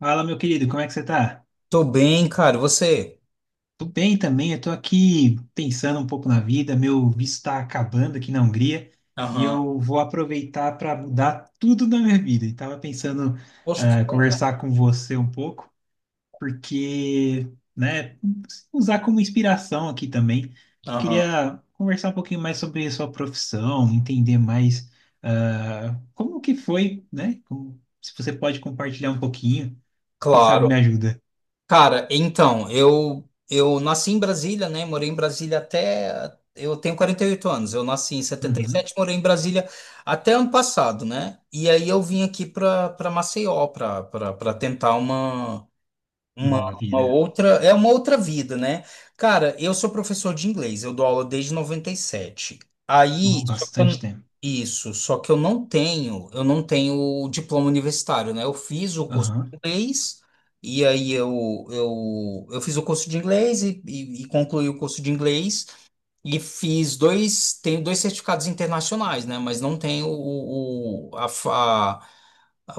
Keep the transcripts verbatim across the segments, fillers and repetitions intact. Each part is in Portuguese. Fala, meu querido, como é que você tá? Tô bem, cara. Você? Tô bem também, eu tô aqui pensando um pouco na vida, meu visto tá acabando aqui na Hungria e Aham. eu vou aproveitar para mudar tudo na minha vida. E tava pensando Poxa, que ah, bom, conversar cara. com você um pouco, porque, né, usar como inspiração aqui também. Aham. Queria conversar um pouquinho mais sobre a sua profissão, entender mais ah, como que foi, né? Como- se você pode compartilhar um pouquinho, quem sabe Claro. me ajuda. Cara, então, eu eu nasci em Brasília, né? Morei em Brasília até eu tenho quarenta e oito anos. Eu nasci em setenta e Uhum. sete morei em Brasília até ano passado, né? E aí eu vim aqui para para Maceió para para tentar uma Uma, Nova uma vida. outra, é uma outra vida, né? Cara, eu sou professor de inglês, eu dou aula desde noventa e sete. Aí, Oh, só que eu- bastante tempo. Isso, só que eu não tenho, eu não tenho diploma universitário, né? Eu fiz o curso de Aham. inglês, e aí eu, eu, eu fiz o curso de inglês e, e, e concluí o curso de inglês, e fiz dois, tenho dois certificados internacionais, né? Mas não tenho o, o, a, fa-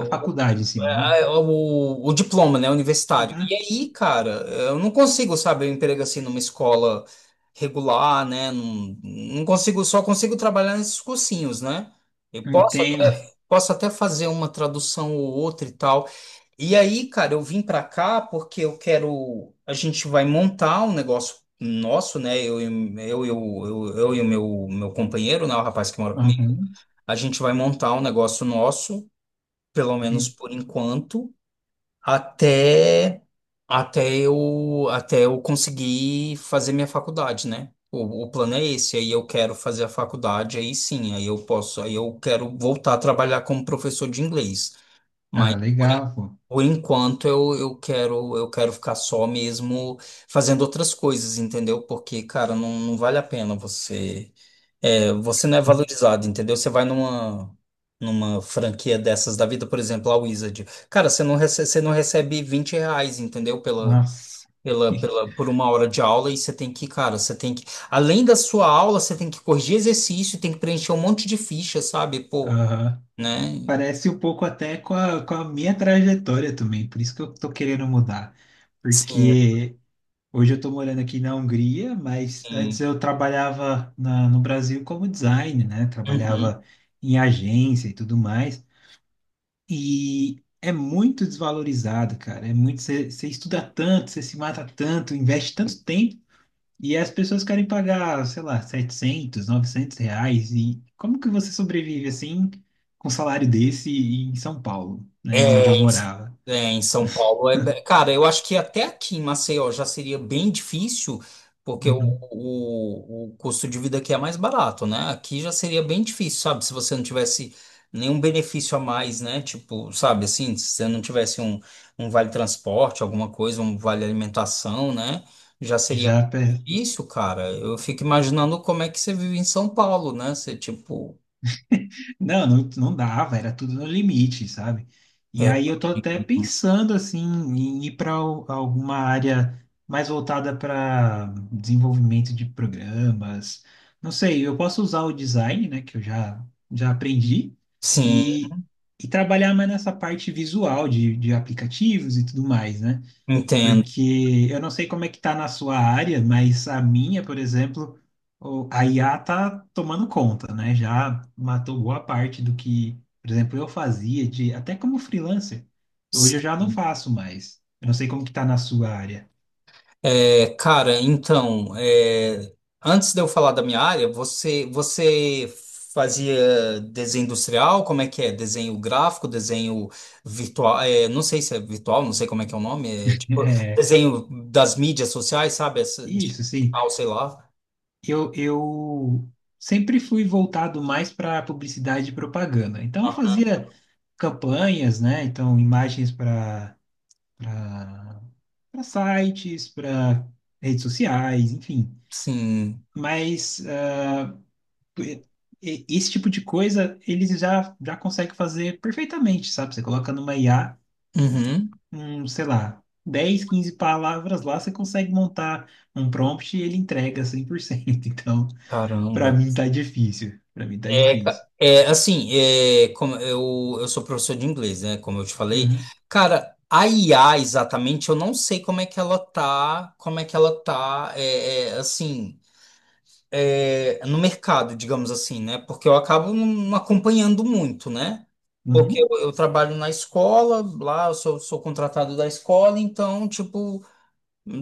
A faculdade, sim, né? é, é, o, o diploma, né, universitário. E Uhum. aí, cara, eu não consigo, sabe, eu emprego assim numa escola regular, né? Não, não consigo, só consigo trabalhar nesses cursinhos, né? Eu posso Entendo. até, Posso até fazer uma tradução ou outra e tal. E aí, cara, eu vim pra cá porque eu quero. A gente vai montar um negócio nosso, né? Eu, e- eu, eu, eu, eu e o meu, meu companheiro, né? O rapaz que mora comigo. Aham. A gente vai montar um negócio nosso, pelo menos por enquanto, até até eu até eu conseguir fazer minha faculdade, né? O, o plano é esse, aí eu quero fazer a faculdade, aí sim, aí eu posso, aí eu quero voltar a trabalhar como professor de inglês. Mas Ah, por legal, pô. por enquanto eu, eu quero eu quero ficar só mesmo fazendo outras coisas, entendeu? Porque, cara, não, não vale a pena você é, você não é valorizado, entendeu? Você vai numa numa franquia dessas da vida, por exemplo, a Wizard. Cara, você não recebe, você não recebe vinte reais, entendeu? Pela, Nossa. Pela, pela, por uma hora de aula, e você tem que, cara, você tem que, além da sua aula, você tem que corrigir exercício, tem que preencher um monte de ficha, sabe? Pô, Aham. né? Parece um pouco até com a, com a minha trajetória também, por isso que eu tô querendo mudar. Sim. Porque hoje eu tô morando aqui na Hungria, mas Sim. antes eu trabalhava na- no Brasil como design, né? Uhum. Trabalhava em agência e tudo mais. E é muito desvalorizado, cara. É muito, você você estuda tanto, você se mata tanto, investe tanto tempo, e as pessoas querem pagar, sei lá, setecentos, novecentos reais. E como que você sobrevive assim com um salário desse em São Paulo, né, onde eu É. morava? É, em São Paulo é, be- cara, eu acho que até aqui em Maceió já seria bem difícil, porque o, Uhum. o, o custo de vida aqui é mais barato, né? Aqui já seria bem difícil, sabe? Se você não tivesse nenhum benefício a mais, né? Tipo, sabe assim, se você não tivesse um, um vale transporte, alguma coisa, um vale alimentação, né? Já seria um Já pe- difícil, cara. Eu fico imaginando como é que você vive em São Paulo, né? Você, tipo, Não, não, não dava, era tudo no limite, sabe? E é, aí eu tô até pensando assim em ir para alguma área mais voltada para desenvolvimento de programas. Não sei, eu posso usar o design, né, que eu já já aprendi sim, e, e trabalhar mais nessa parte visual de, de aplicativos e tudo mais, né? entendo. Porque eu não sei como é que tá na sua área, mas a minha, por exemplo, o- a I A tá tomando conta, né? Já matou boa parte do que, por exemplo, eu fazia de até como freelancer. Hoje eu já não Sim. faço mais. Eu não sei como que tá na sua área. É, cara, então, é, antes de eu falar da minha área, você, você fazia desenho industrial? Como é que é? Desenho gráfico, desenho virtual? É, não sei se é virtual, não sei como é que é o nome. É, tipo, É, desenho das mídias sociais, sabe? Essa, isso, sim. digital, sei lá. Eu, eu sempre fui voltado mais para publicidade e propaganda. Então eu Aham. fazia campanhas, né? Então imagens para para sites, para redes sociais, enfim. Sim. Mas eh, e- esse tipo de coisa eles já, já conseguem fazer perfeitamente, sabe? Você coloca numa I A, Uhum. um, sei lá, dez, quinze palavras lá, você consegue montar um prompt e ele entrega cem por cento. Então, para Caramba. mim tá difícil. Para mim tá É, difícil. ca- é, assim, é, como eu, eu sou professor de inglês, né? Como eu te falei, Uhum, cara, a I A exatamente, eu não sei como é que ela tá, como é que ela tá, é, é, assim, é, no mercado, digamos assim, né? Porque eu acabo não acompanhando muito, né? Porque uhum, eu, eu trabalho na escola, lá eu sou, sou contratado da escola, então, tipo,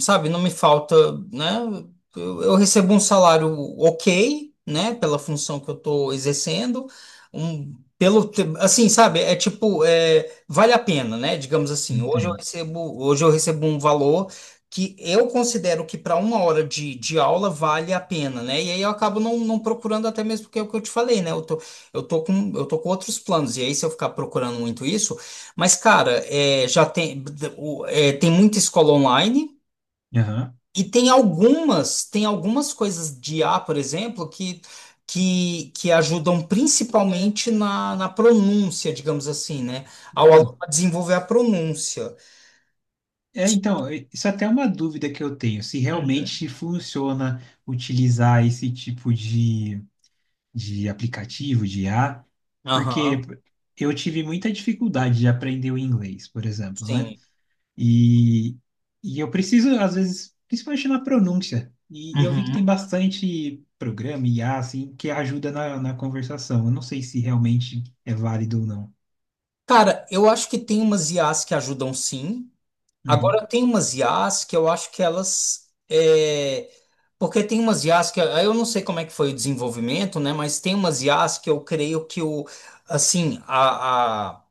sabe, não me falta, né? Eu, eu recebo um salário ok, né, pela função que eu estou exercendo, um, pelo, te- assim, sabe, é tipo, é, vale a pena, né? Digamos assim, hoje eu entendo. recebo, hoje eu recebo um valor que eu considero que para uma hora de, de aula vale a pena, né? E aí eu acabo não, não procurando até mesmo porque é o que eu te falei, né? Eu tô, eu tô com, eu tô com outros planos, e aí se eu ficar procurando muito isso, mas, cara, é, já tem, o- é, tem muita escola online, Aham. e tem algumas, tem algumas coisas de I a, por exemplo, que, que, que ajudam principalmente na, na pronúncia, digamos assim, né? Ao aluno Ah, a desenvolver a pronúncia. é, então, eh, isso até é uma dúvida que eu tenho, se Uhum. realmente funciona utilizar esse tipo de de aplicativo, de I a porque Aham, eu tive muita dificuldade de aprender o inglês, por exemplo, né? sim. E, e eu preciso, às vezes, principalmente na pronúncia, e, e eu vi que Uhum. tem bastante programa, I a assim, que ajuda na, na conversação. Eu não sei se realmente é válido ou não. Cara, eu acho que tem umas I As que ajudam sim. Uhum, Agora tem umas I As que eu acho que elas. É. Porque tem umas I As que. Aí eu não sei como é que foi o desenvolvimento, né? Mas tem umas I As que eu creio que o. Assim, a... a-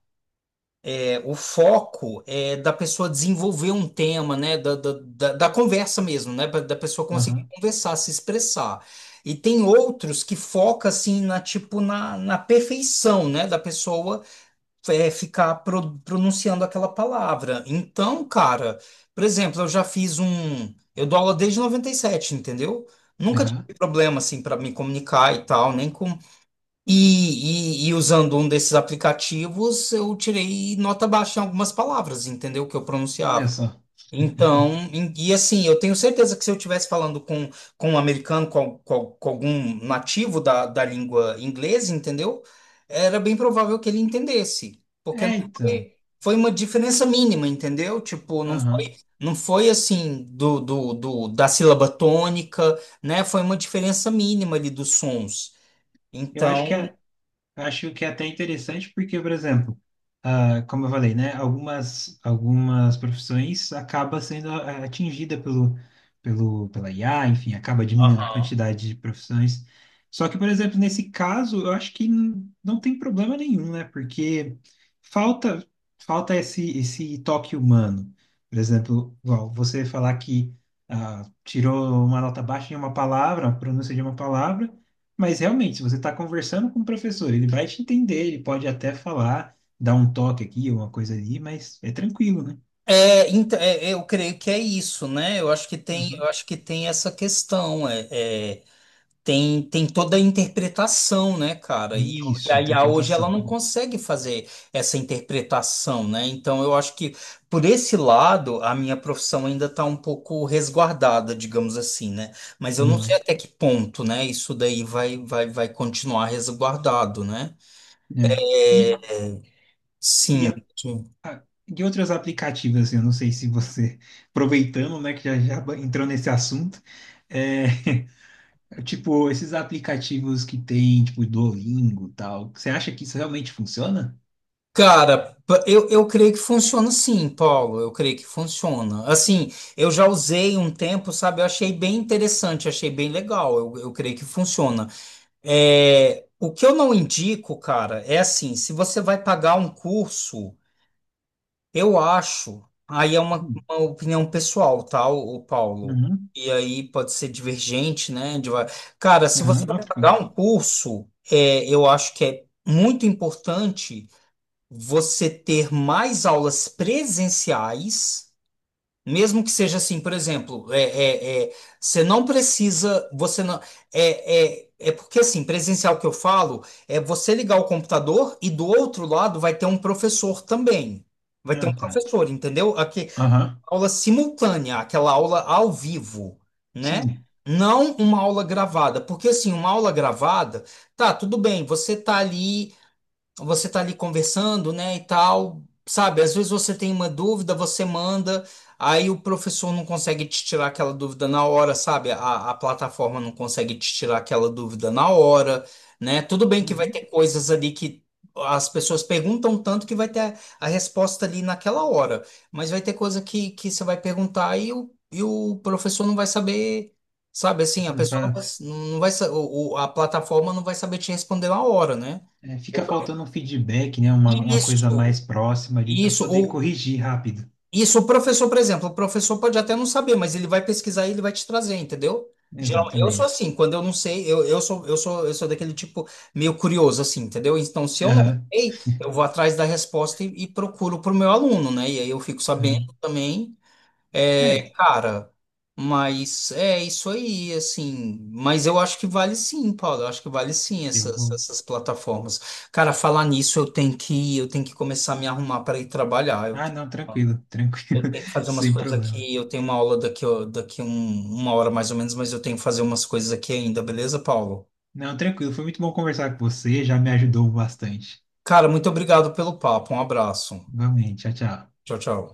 o foco é da pessoa desenvolver um tema, né? Da, da, da, da conversa mesmo, né? pra- Da pessoa conseguir aham, conversar, se expressar. E tem outros que foca assim na tipo na, na perfeição, né? Da pessoa é, ficar pro- pronunciando aquela palavra. Então, cara, por exemplo, eu já fiz um. Eu dou aula desde noventa e sete, entendeu? Nunca tive aham. problema assim para me comunicar e tal, nem com e, e, e usando um desses aplicativos, eu tirei nota baixa em algumas palavras, entendeu? Que eu Olha pronunciava. só. Então, em- e assim, eu tenho certeza que se eu estivesse falando com, com um americano, com, al- com, al- com algum nativo da, da língua inglesa, entendeu? Era bem provável que ele entendesse, porque não É, foi, então. foi uma diferença mínima, entendeu? Tipo, não Aham. foi, não foi assim do, do, do, da sílaba tônica, né? Foi uma diferença mínima ali dos sons. Eu acho que Então, Acho que é até interessante porque, por exemplo, ah, como eu falei, né, algumas algumas profissões acaba sendo ah, atingida pelo pelo pela I A, enfim, acaba diminuindo a quantidade de profissões. Só que, por exemplo, nesse caso, eu acho que n- não tem problema nenhum, né? Porque falta falta esse esse toque humano. Por exemplo, igual você falar que ah, tirou uma nota baixa em uma palavra, a pronúncia de uma palavra, mas realmente, se você está conversando com o professor, ele vai te entender, ele pode até falar, dar um toque aqui, uma coisa ali, mas é tranquilo, né? é, então, é, é, eu creio que é isso, né? Eu acho que tem, Uhum. eu acho que tem essa questão, é, é, tem, tem toda a interpretação, né, cara? E, o- e Isso, a I A hoje ela interpretação. não Boa. consegue fazer essa interpretação, né? Então eu acho que por esse lado a minha profissão ainda está um pouco resguardada, digamos assim, né? Mas eu não sei Uhum. até que ponto, né? Isso daí vai, vai, vai continuar resguardado, né? É. É. E, e, Sim. a, a- e outros aplicativos, assim, eu não sei se você, aproveitando, né, que já, já ba- entrou nesse assunto, é, tipo, esses aplicativos que tem, tipo, Duolingo e tal, você acha que isso realmente funciona? Cara, pa- eu, eu creio que funciona sim, Paulo. Eu creio que funciona. Assim, eu já usei um tempo, sabe? Eu achei bem interessante, achei bem legal. Eu, eu creio que funciona. É, o que eu não indico, cara, é assim: se você vai pagar um curso, eu acho. Aí é uma, Hum. uma opinião pessoal, tá, o, o Paulo? Uhum. E aí pode ser divergente, né? de- Cara, se você Aham, não, vai tranquilo. pagar um curso, é, eu acho que é muito importante você ter mais aulas presenciais, mesmo que seja assim, por exemplo, é, é, é, você não precisa, você não, é, é, é porque assim, presencial que eu falo, é você ligar o computador e do outro lado vai ter um professor também. Vai ter um Ah, tá. professor, entendeu? Aqui, Aham, aula simultânea, aquela aula ao vivo, né? sim. Não uma aula gravada, porque assim, uma aula gravada, tá, tudo bem, você tá ali você tá ali conversando, né, e tal, sabe? Às vezes você tem uma dúvida, você manda, aí o professor não consegue te tirar aquela dúvida na hora, sabe? A, a plataforma não consegue te tirar aquela dúvida na hora, né? Tudo bem que vai Uhum. ter coisas ali que as pessoas perguntam tanto que vai ter a, a resposta ali naquela hora, mas vai ter coisa que, que você vai perguntar e o, e o professor não vai saber. Sabe assim, a pessoa não vai, Exato. não vai, sa- o- o- a plataforma não vai saber te responder na hora, né? É, fica faltando um feedback, né? Uma, uma coisa Isso, mais próxima ali para isso, poder ou corrigir rápido. isso, o professor, por exemplo, o professor pode até não saber, mas ele vai pesquisar e ele vai te trazer, entendeu? Geral- Eu sou Exatamente. assim, quando eu não sei, eu, eu sou, eu sou, eu sou daquele tipo meio curioso, assim, entendeu? Então, se eu não Aham, sei, eu vou atrás da resposta e, e procuro para o meu aluno, né? E aí eu fico aham. sabendo também. É, É, cara, mas é isso aí, assim. Mas eu acho que vale sim, Paulo. Eu acho que vale sim eu essas, vou. essas plataformas. Cara, falar nisso, eu tenho que, eu tenho que começar a me arrumar para ir trabalhar. Eu Ah, tenho, não, tranquilo, tranquilo, eu tenho que fazer umas sem coisas problema. aqui. Eu tenho uma aula daqui, ó, daqui um- uma hora mais ou menos, mas eu tenho que fazer umas coisas aqui ainda, beleza, Paulo? Não, tranquilo, foi muito bom conversar com você, já me ajudou bastante. Cara, muito obrigado pelo papo. Um abraço. Igualmente, tchau, tchau. Tchau, tchau.